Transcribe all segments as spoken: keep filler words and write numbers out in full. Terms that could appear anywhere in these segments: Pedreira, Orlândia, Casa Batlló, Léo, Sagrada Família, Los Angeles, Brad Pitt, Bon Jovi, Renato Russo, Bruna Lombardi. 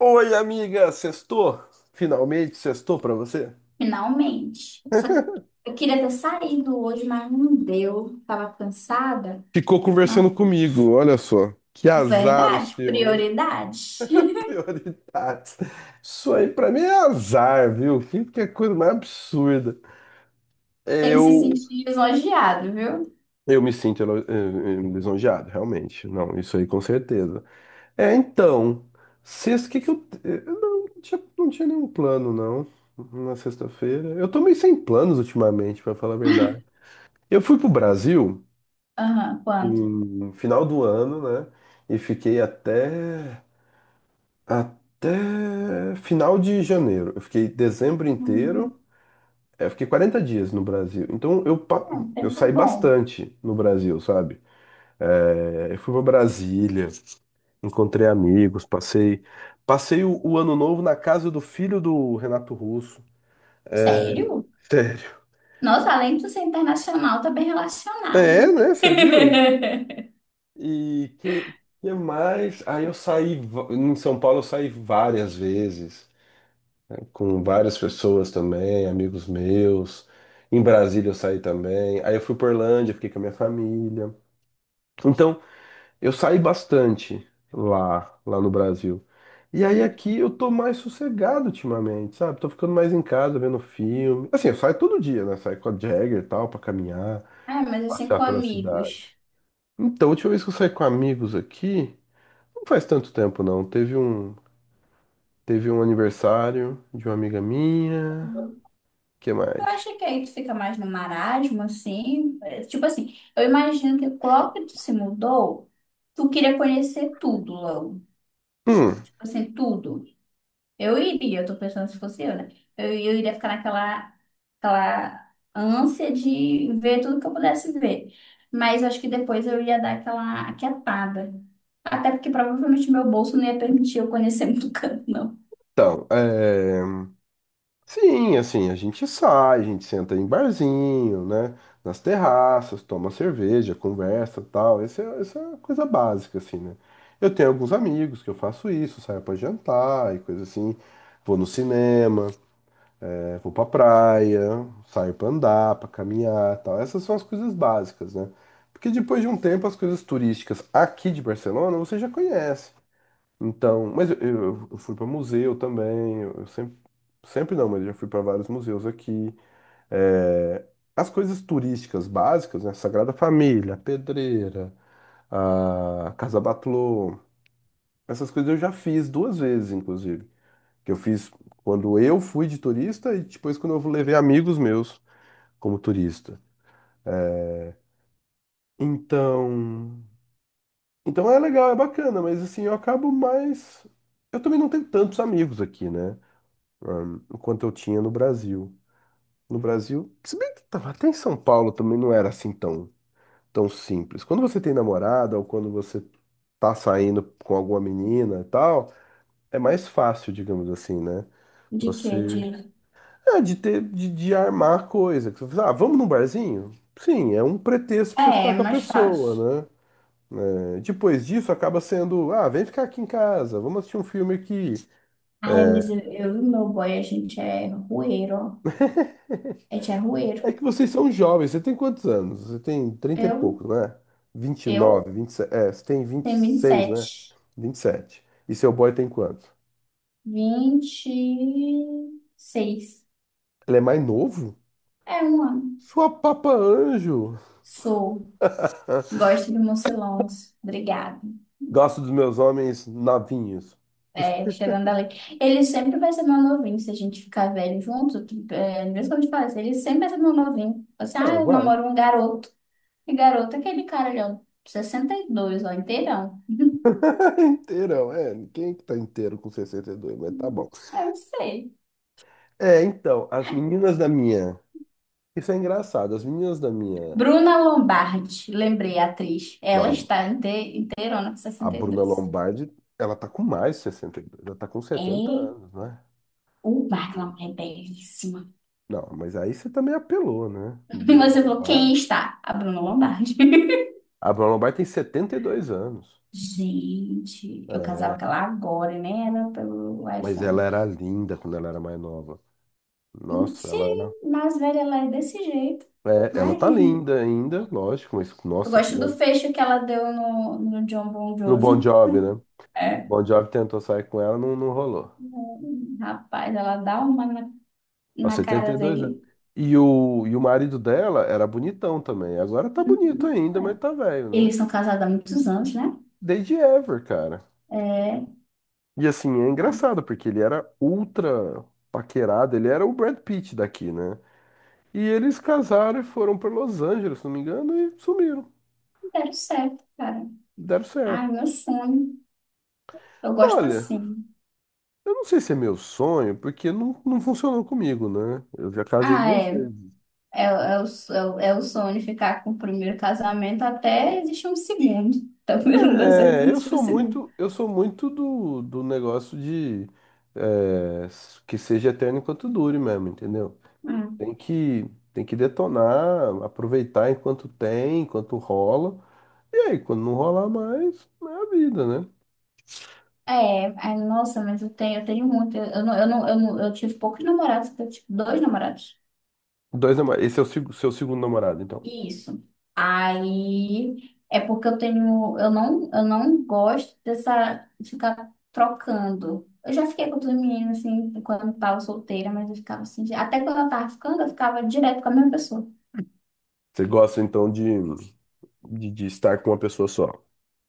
Oi, amiga, sextou? Finalmente sextou pra você? Finalmente. Só que eu queria ter saído hoje, mas não deu. Tava cansada. Ficou Mas, conversando comigo, olha só. Que azar o verdade, seu, hein? prioridade. Prioridades. Isso aí pra mim é azar, viu? Que, que coisa mais absurda. Tem que se Eu, sentir elogiado, viu? eu me sinto elo- eh, eh, lisonjeado, realmente. Não, isso aí com certeza. É, então, sexta, o que que eu... eh, eu Não, não tinha, não tinha nenhum plano, não, na sexta-feira. Eu tô meio sem planos ultimamente, pra falar a verdade. Eu fui pro Brasil... Aham, quando? no final do ano, né? E fiquei até até final de janeiro. Eu fiquei dezembro inteiro. Hum, É, eu fiquei quarenta dias no Brasil. Então eu, pa- é um eu tempo saí bom. bastante no Brasil, sabe? É, eu fui para Brasília, encontrei amigos, passei passei o, o ano novo na casa do filho do Renato Russo. Sério? Sério. Nossa, além de tu ser internacional, tá bem relacionado, É, né? né? Você viu? E que, que mais? Aí eu saí va- Em São Paulo eu saí várias vezes. Com várias pessoas também, amigos meus. Em Brasília eu saí também. Aí eu fui para Orlândia, fiquei com a minha família. Então, eu saí bastante lá, lá no Brasil. E aí aqui eu tô mais sossegado ultimamente, sabe? Tô ficando mais em casa, vendo filme. Assim, eu saio todo dia, né? Saio com a Jagger e tal, pra caminhar, Ah, mas assim, passear com pela cidade. amigos. Então, a última vez que eu saí com amigos aqui, não faz tanto tempo não. Teve um, teve um aniversário de uma amiga minha. Que Tu mais? acha que aí tu fica mais no marasmo, assim? É, tipo assim, eu imagino que logo que tu se mudou. Tu queria conhecer tudo logo. Hum, Tipo assim, tudo. Eu iria, eu tô pensando se fosse eu, né? Eu, eu iria ficar naquela aquela ânsia de ver tudo que eu pudesse ver. Mas eu acho que depois eu ia dar aquela aquietada. Até porque provavelmente meu bolso não ia permitir eu conhecer muito canto, não. Então, é... sim, assim, a gente sai, a gente senta em barzinho, né? Nas terraças, toma cerveja, conversa, tal. Essa é, essa é a coisa básica, assim, né? Eu tenho alguns amigos que eu faço isso, saio pra jantar e coisa assim. Vou no cinema, é, vou pra praia, saio pra andar, pra caminhar, tal. Essas são as coisas básicas, né? Porque depois de um tempo, as coisas turísticas aqui de Barcelona você já conhece. Então, mas eu, eu- eu fui para museu também, eu, eu sempre, sempre não, mas eu já fui para vários museus aqui. É, as coisas turísticas básicas, né? Sagrada Família, Pedreira, a Casa Batlló, essas coisas eu já fiz duas vezes, inclusive. Que eu fiz quando eu fui de turista e depois quando eu levei amigos meus como turista. Então, então é legal, é bacana, mas assim, eu acabo mais. Eu também não tenho tantos amigos aqui, né? Ah, quanto eu tinha no Brasil. No Brasil, se bem que tava até em São Paulo também não era assim tão, tão simples. Quando você tem namorada ou quando você tá saindo com alguma menina e tal, é mais fácil, digamos assim, né? De quê? De... Você. É, de ter, de, de armar coisa. Que você fala, ah, vamos num barzinho? Sim, é um pretexto pra você É, ficar é com a mais fácil. pessoa, né? É, depois disso acaba sendo, ah, vem ficar aqui em casa, vamos assistir um filme aqui. Ai, mas eu, eu e meu boy, a gente é rueiro, ó. A gente é rueiro. É que vocês são jovens. Você tem quantos anos? Você tem trinta e Eu, pouco, não é? eu vinte e nove, vinte e sete. É, você tem vinte e tenho vinte e seis, né? sete. Vinte e sete. E seu boy tem quanto? Vinte e seis. Ele é mais novo? É um ano. Sua papa anjo. Sou. Gosto de Mocilons. Obrigada. Gosto dos meus homens novinhos. É, chegando ali. Ele sempre vai ser meu novinho se a gente ficar velho junto. Tipo, É, é mesmo quando eu te falei, assim, ele sempre vai ser meu novinho. Assim, É, ah, eu vai. namoro um garoto. E garoto é aquele cara ali, ó, sessenta e dois, ó, inteirão. Inteirão, é. Quem é que tá inteiro com sessenta e dois? Mas tá bom. Eu não sei. É, então, as meninas da minha. Isso é engraçado. As meninas da minha. Bruna Lombardi, lembrei, a atriz. Ela da- está inte- inteirona com a sessenta e Bruna dois Lombardi, ela tá com mais de sessenta e dois. Ela tá com setenta É anos, né? uma, aquela mulher belíssima. Não, mas aí você também apelou, né? E Bruna você falou, quem Lombardi. está? A Bruna Lombardi. A Bruna Lombardi tem setenta e dois anos. Gente, eu É, casava com ela agora, né? Era pelo mas ela iPhone. era linda quando ela era mais nova. E Nossa, ela era. sim, mais velha ela é desse jeito. É, ela tá Imagina. linda ainda, lógico, mas Eu nossa, gosto quando do ela. fecho que ela deu no, no John Bon No Bon Jovi. Jovi, né? É. Bon Jovi tentou sair com ela, não, não rolou. Hum, rapaz, ela dá uma na, Aos na setenta cara e dois, anos. dele. E o, e o marido dela era bonitão também. Agora tá bonito Uhum. ainda, mas tá velho, né? Eles são casados há muitos anos, né? Desde Ever, cara. É, E assim, é tá. engraçado, porque ele era ultra paquerado, ele era o Brad Pitt daqui, né? E eles casaram e foram para Los Angeles, se não me engano, e sumiram. Deram certo, cara. Deram Ai, certo. meu sonho. Eu gosto Olha, assim. eu não sei se é meu sonho, porque não, não funcionou comigo, né? Eu já casei Ah, duas é. vezes. É, é, o, so- é, o é sonho ficar com o primeiro casamento até existir um segundo. Então, primeiro não deu certo, É, é, eu existe um sou segundo. muito, eu sou muito do, do negócio de é, que seja eterno enquanto dure mesmo, entendeu? Hum. Tem que, tem que detonar, aproveitar enquanto tem, enquanto rola. E aí, quando não rolar mais, é a vida, né? É, é, nossa, mas eu tenho, eu tenho muito. Eu, não, eu não, eu não, eu tive poucos namorados, eu tive tipo, dois namorados. Dois namorados. Esse é o seg- seu segundo namorado, então. Isso. Aí é porque eu tenho, eu não, eu não gosto dessa de ficar trocando. Eu já fiquei com outras meninas assim, quando eu tava solteira, mas eu ficava assim, de- até quando eu tava ficando, eu ficava direto com a mesma pessoa. Você gosta, então, de, de, de estar com uma pessoa só.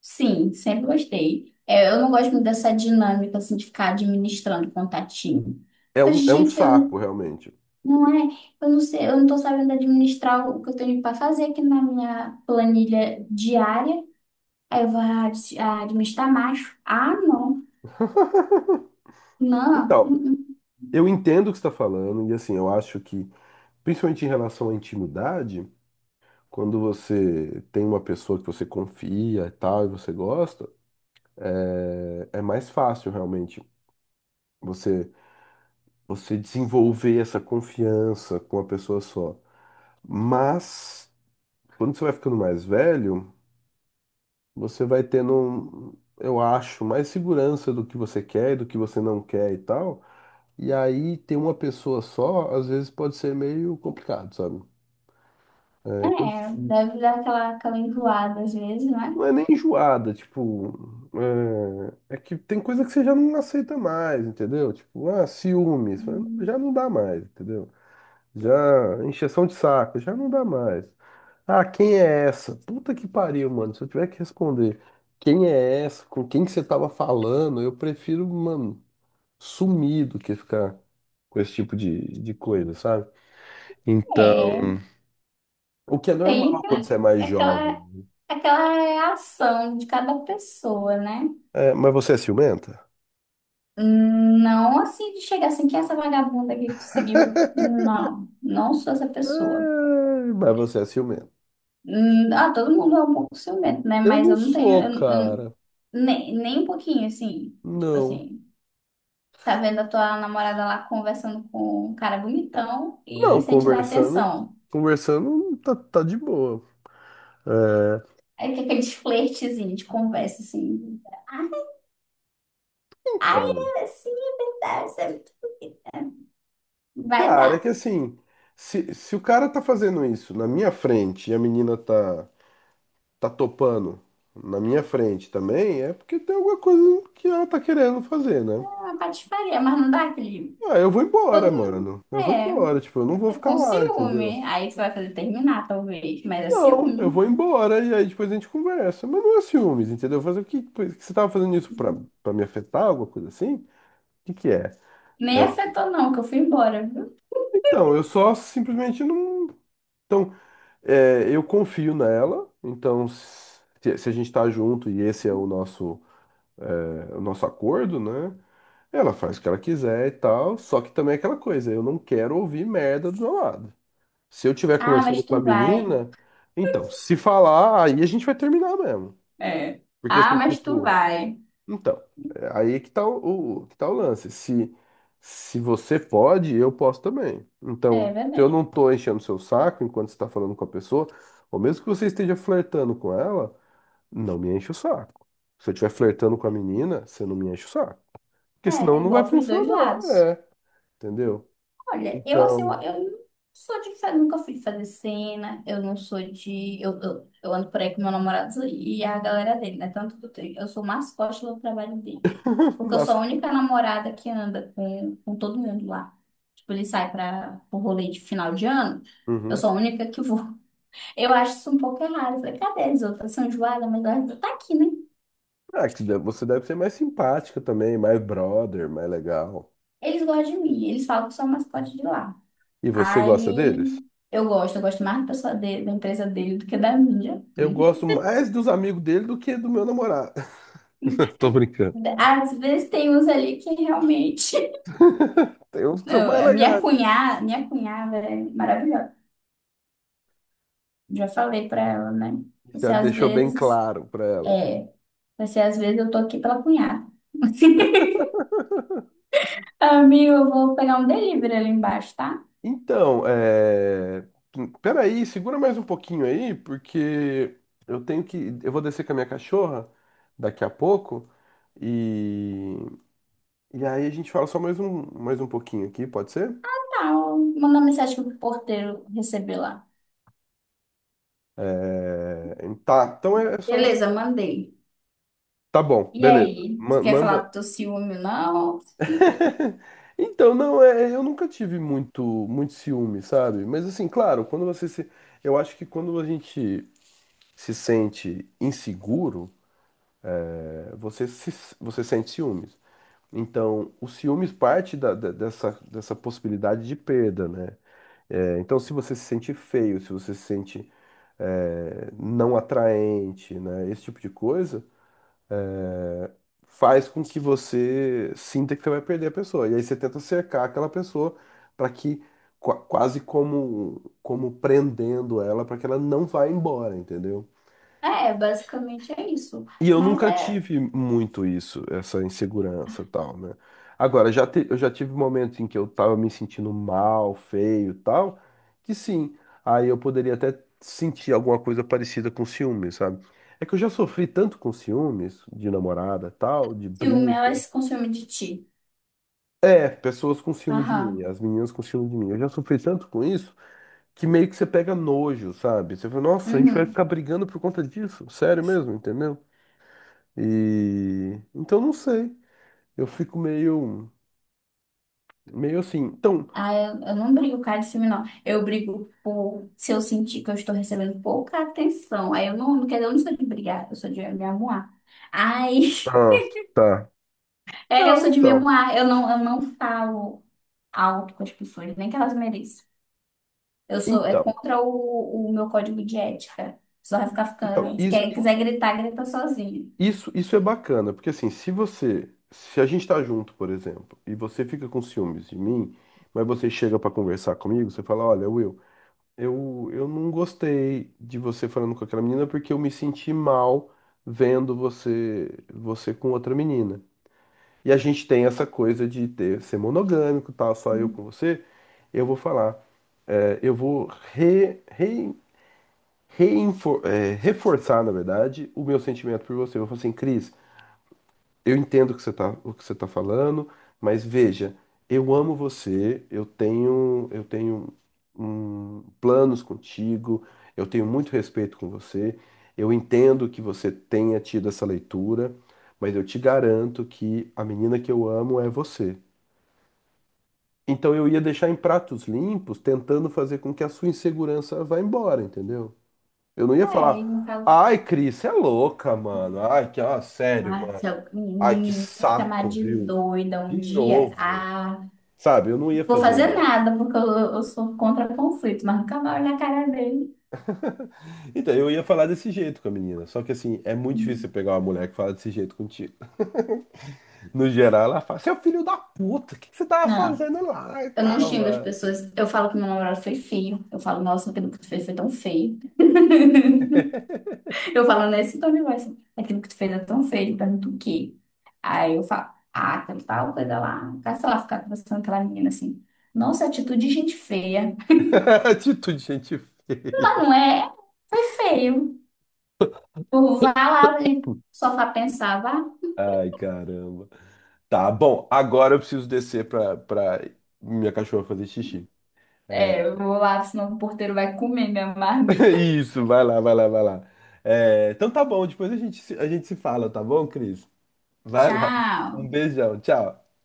Sim, sempre gostei. É, eu não gosto muito dessa dinâmica assim, de ficar administrando contatinho. É Mas um, é um gente, eu não, saco, realmente. não é, eu não sei, eu não tô sabendo administrar o que eu tenho para fazer aqui na minha planilha diária. Aí eu vou ah, dis- ah, administrar macho. Ah, não. Não. Então, Uh-uh. eu entendo o que você está falando, e assim, eu acho que, principalmente em relação à intimidade, quando você tem uma pessoa que você confia e tal, e você gosta, é, é mais fácil realmente você, você desenvolver essa confiança com a pessoa só. Mas. Quando você vai ficando mais velho, você vai tendo, um, eu acho, mais segurança do que você quer e do que você não quer e tal. E aí ter uma pessoa só, às vezes pode ser meio complicado, sabe? É, quando- É, deve dar aquela, aquela enjoada às vezes, não é? Não é nem enjoada, tipo, é, é que tem coisa que você já não aceita mais, entendeu? Tipo, ah, ciúmes, Hum. já não dá mais, entendeu? Já, encheção de saco, já não dá mais. Ah, quem é essa? Puta que pariu, mano. Se eu tiver que responder quem é essa, com quem que você tava falando, eu prefiro, mano, sumir do que ficar com esse tipo de, de coisa, sabe? É, Então, o que é tem normal quando você aquela, é mais jovem. aquela aquela reação de cada pessoa, né? É, mas você é ciumenta? Hum, não assim de chegar assim, que é essa vagabunda aqui que tu seguiu? Não, não sou essa pessoa. É, mas você é ciumenta. Hum, Ah, todo mundo é um pouco ciumento, né? Eu Mas não eu não tenho, sou, eu- eu- cara. nem, nem um pouquinho, assim. Tipo Não. assim, tá vendo a tua namorada lá conversando com um cara bonitão Não, e sem te dar conversando, atenção. conversando tá, tá de boa. Aí tem aqueles flertezinhos de conversa, assim. Ai, Então. ai, sim, é verdade. Você vai dar Cara, é que assim, se, se o cara tá fazendo isso na minha frente e a menina tá, tá topando na minha frente também, é porque tem alguma coisa que ela tá querendo fazer, né? uma patifaria, mas não dá aquele. Ah, eu vou Todo embora, mundo. mano. Eu vou É. embora, tipo, eu não vou ficar Com lá, entendeu? ciúme. Aí tu vai fazer terminar, talvez. Mas é Não, eu ciúme. vou embora e aí depois a gente conversa. Mas não é ciúmes, entendeu? Fazer o que, que você tava fazendo isso pra, pra me afetar, alguma coisa assim? O que que é? Nem afetou, não, que eu fui embora, viu? Então, eu só simplesmente não. então É, eu confio nela, então se, se a gente tá junto e esse é o nosso, é, o nosso acordo, né? Ela faz o que ela quiser e tal, só que também é aquela coisa, eu não quero ouvir merda do meu lado. Se eu estiver Ah, conversando mas com a tu vai. menina, então, se falar, aí a gente vai terminar mesmo. É. Porque Ah, assim, mas tu tipo, vai. então, é aí que tá o, o- que tá o lance. Se, se você pode, eu posso também. É Então, se eu verdade. não tô enchendo seu saco enquanto você tá falando com a pessoa, ou mesmo que você esteja flertando com ela, não me enche o saco. Se eu estiver flertando com a menina, você não me enche o saco. Porque senão É, não vai igual pros dois funcionar, lados. é. Entendeu? Olha, eu assim, eu, Então, eu não sou de fazer, nunca fui de fazer cena, eu não sou de. Eu, eu, eu ando por aí com meu namorado e a galera dele, né? Tanto que eu tenho. Eu sou mascote do trabalho dele. Porque eu sou mas. a única namorada que anda com, com todo mundo lá. Tipo, ele sai para o rolê de final de ano. Eu Uhum. sou a única que vou. Eu acho isso um pouco errado. Eu falei, cadê as outras? São enjoadas, mas elas tá aqui, né? Ah, que de- você deve ser mais simpática também, mais brother, mais legal. Eles gostam de mim. Eles falam que eu sou a mascote de lá. E você gosta deles? Aí eu gosto. Eu gosto mais da pessoa dele, da empresa dele do que da minha. Eu gosto mais dos amigos dele do que do meu namorado. Tô brincando. Às vezes tem uns ali que realmente... Tem uns que são Eu- mais a minha legais. cunhada, minha cunhada é maravilhosa. Já falei pra ela, né? Já Você às deixou bem vezes... claro pra ela. É, vai ser, às vezes eu tô aqui pela cunhada. Amigo, eu vou pegar um delivery ali embaixo, tá? Então, é... peraí, segura mais um pouquinho aí, porque eu tenho que. Eu vou descer com a minha cachorra daqui a pouco. E, e aí a gente fala só mais um, mais um pouquinho aqui, pode ser? Tá, eu- manda uma mensagem pro porteiro receber lá. É, tá, então é é só. Beleza, mandei. Tá bom, E beleza. aí, você Ma- quer falar Manda. do teu ciúme, não? Então, não, é, eu nunca tive muito, muito ciúme, sabe? Mas assim, claro, quando você se. Eu acho que quando a gente se sente inseguro, eh, você se, você sente ciúmes. Então, o ciúmes parte da- da- dessa, dessa possibilidade de perda, né? Eh, então, se você se sente feio, se você se sente eh, não atraente, né? Esse tipo de coisa faz com que você sinta que você vai perder a pessoa. E aí você tenta cercar aquela pessoa para que qua- quase como como prendendo ela para que ela não vá embora, entendeu? É, basicamente é isso. E eu Mas nunca é tive muito isso, essa insegurança e tal, né? Agora, já te- eu já tive momentos em que eu tava me sentindo mal, feio e tal, que sim, aí eu poderia até sentir alguma coisa parecida com ciúmes, sabe? É que eu já sofri tanto com ciúmes, de namorada e tal, de ciúme, ela briga. se consome de ti. É, pessoas com ciúmes de mim, Aham. as meninas com ciúmes de mim. Eu já sofri tanto com isso que meio que você pega nojo, sabe? Você fala, nossa, a gente vai Uhum. ficar brigando por conta disso? Sério mesmo, entendeu? E então não sei. Eu fico meio, meio assim. Então, Ah, eu, eu não brigo por causa de ciúme, não. Eu brigo por se eu sentir que eu estou recebendo pouca atenção. Aí eu não, não quero, eu não sou de brigar, eu sou de me arrumar. Ai. ah, tá. É, eu Não, sou de então, memoar, eu não, eu não falo alto com as pessoas, nem que elas mereçam. Eu sou, é então, contra o, o meu código de ética. Só vai ficar então, ficando, se isso, quer- i- quiser gritar, grita sozinho. isso, isso é bacana, porque assim, se você, se a gente tá junto, por exemplo, e você fica com ciúmes de mim, mas você chega pra conversar comigo, você fala, olha, Will, eu, eu não gostei de você falando com aquela menina porque eu me senti mal vendo você, você com outra menina. E a gente tem essa coisa de ter, ser monogâmico, e tal, só eu com você, eu vou falar. É, eu vou re, re, reinfor- é, reforçar, na verdade, o meu sentimento por você. Eu vou falar assim, Cris, eu entendo o que você tá, o que você tá falando, mas veja, eu amo você, eu tenho, eu tenho hum, planos contigo, eu tenho muito respeito com você, eu entendo que você tenha tido essa leitura, mas eu te garanto que a menina que eu amo é você. Então eu ia deixar em pratos limpos, tentando fazer com que a sua insegurança vá embora, entendeu? Eu não ia É, e no falar, caso, ai, Cris, você é louca, mano. Ai, que, ó, sério, ah, mano. se eu Ai, me que me chamar saco, de viu? doida um De dia, novo. ah, Sabe, eu não ia não vou fazer fazer isso. nada, porque eu, eu sou contra conflito, mas nunca mais olho na cara dele. Então, eu ia falar desse jeito com a menina. Só que, assim, é muito difícil você pegar uma mulher que fala desse jeito contigo. No geral, ela fala, você é o filho da puta, o que que você tava Não, fazendo lá e eu não tal, xingo as mano? pessoas. Eu falo que meu namorado foi feio. Eu falo, nossa, aquilo que tu fez foi tão feio. Eu falo nesse tom de voz, assim, aquilo que tu fez é tão feio, pergunto o quê? Aí eu falo, ah, aquela tal coisa lá, cara, sei lá, ficar conversando com aquela menina assim, nossa, atitude de gente feia. Atitude de gente Ela feia. não é, foi feio. Eu vá lá e só pra pensar, vá. Ai, caramba. Tá, bom, agora eu preciso descer pra, pra minha cachorra fazer xixi. É, É, eu vou lá, senão o porteiro vai comer minha marmita. Isso, vai lá, vai lá, vai lá. É, então tá bom, depois a gente, se- a gente se fala, tá bom, Cris? Vai lá. Um Tchau. beijão, tchau.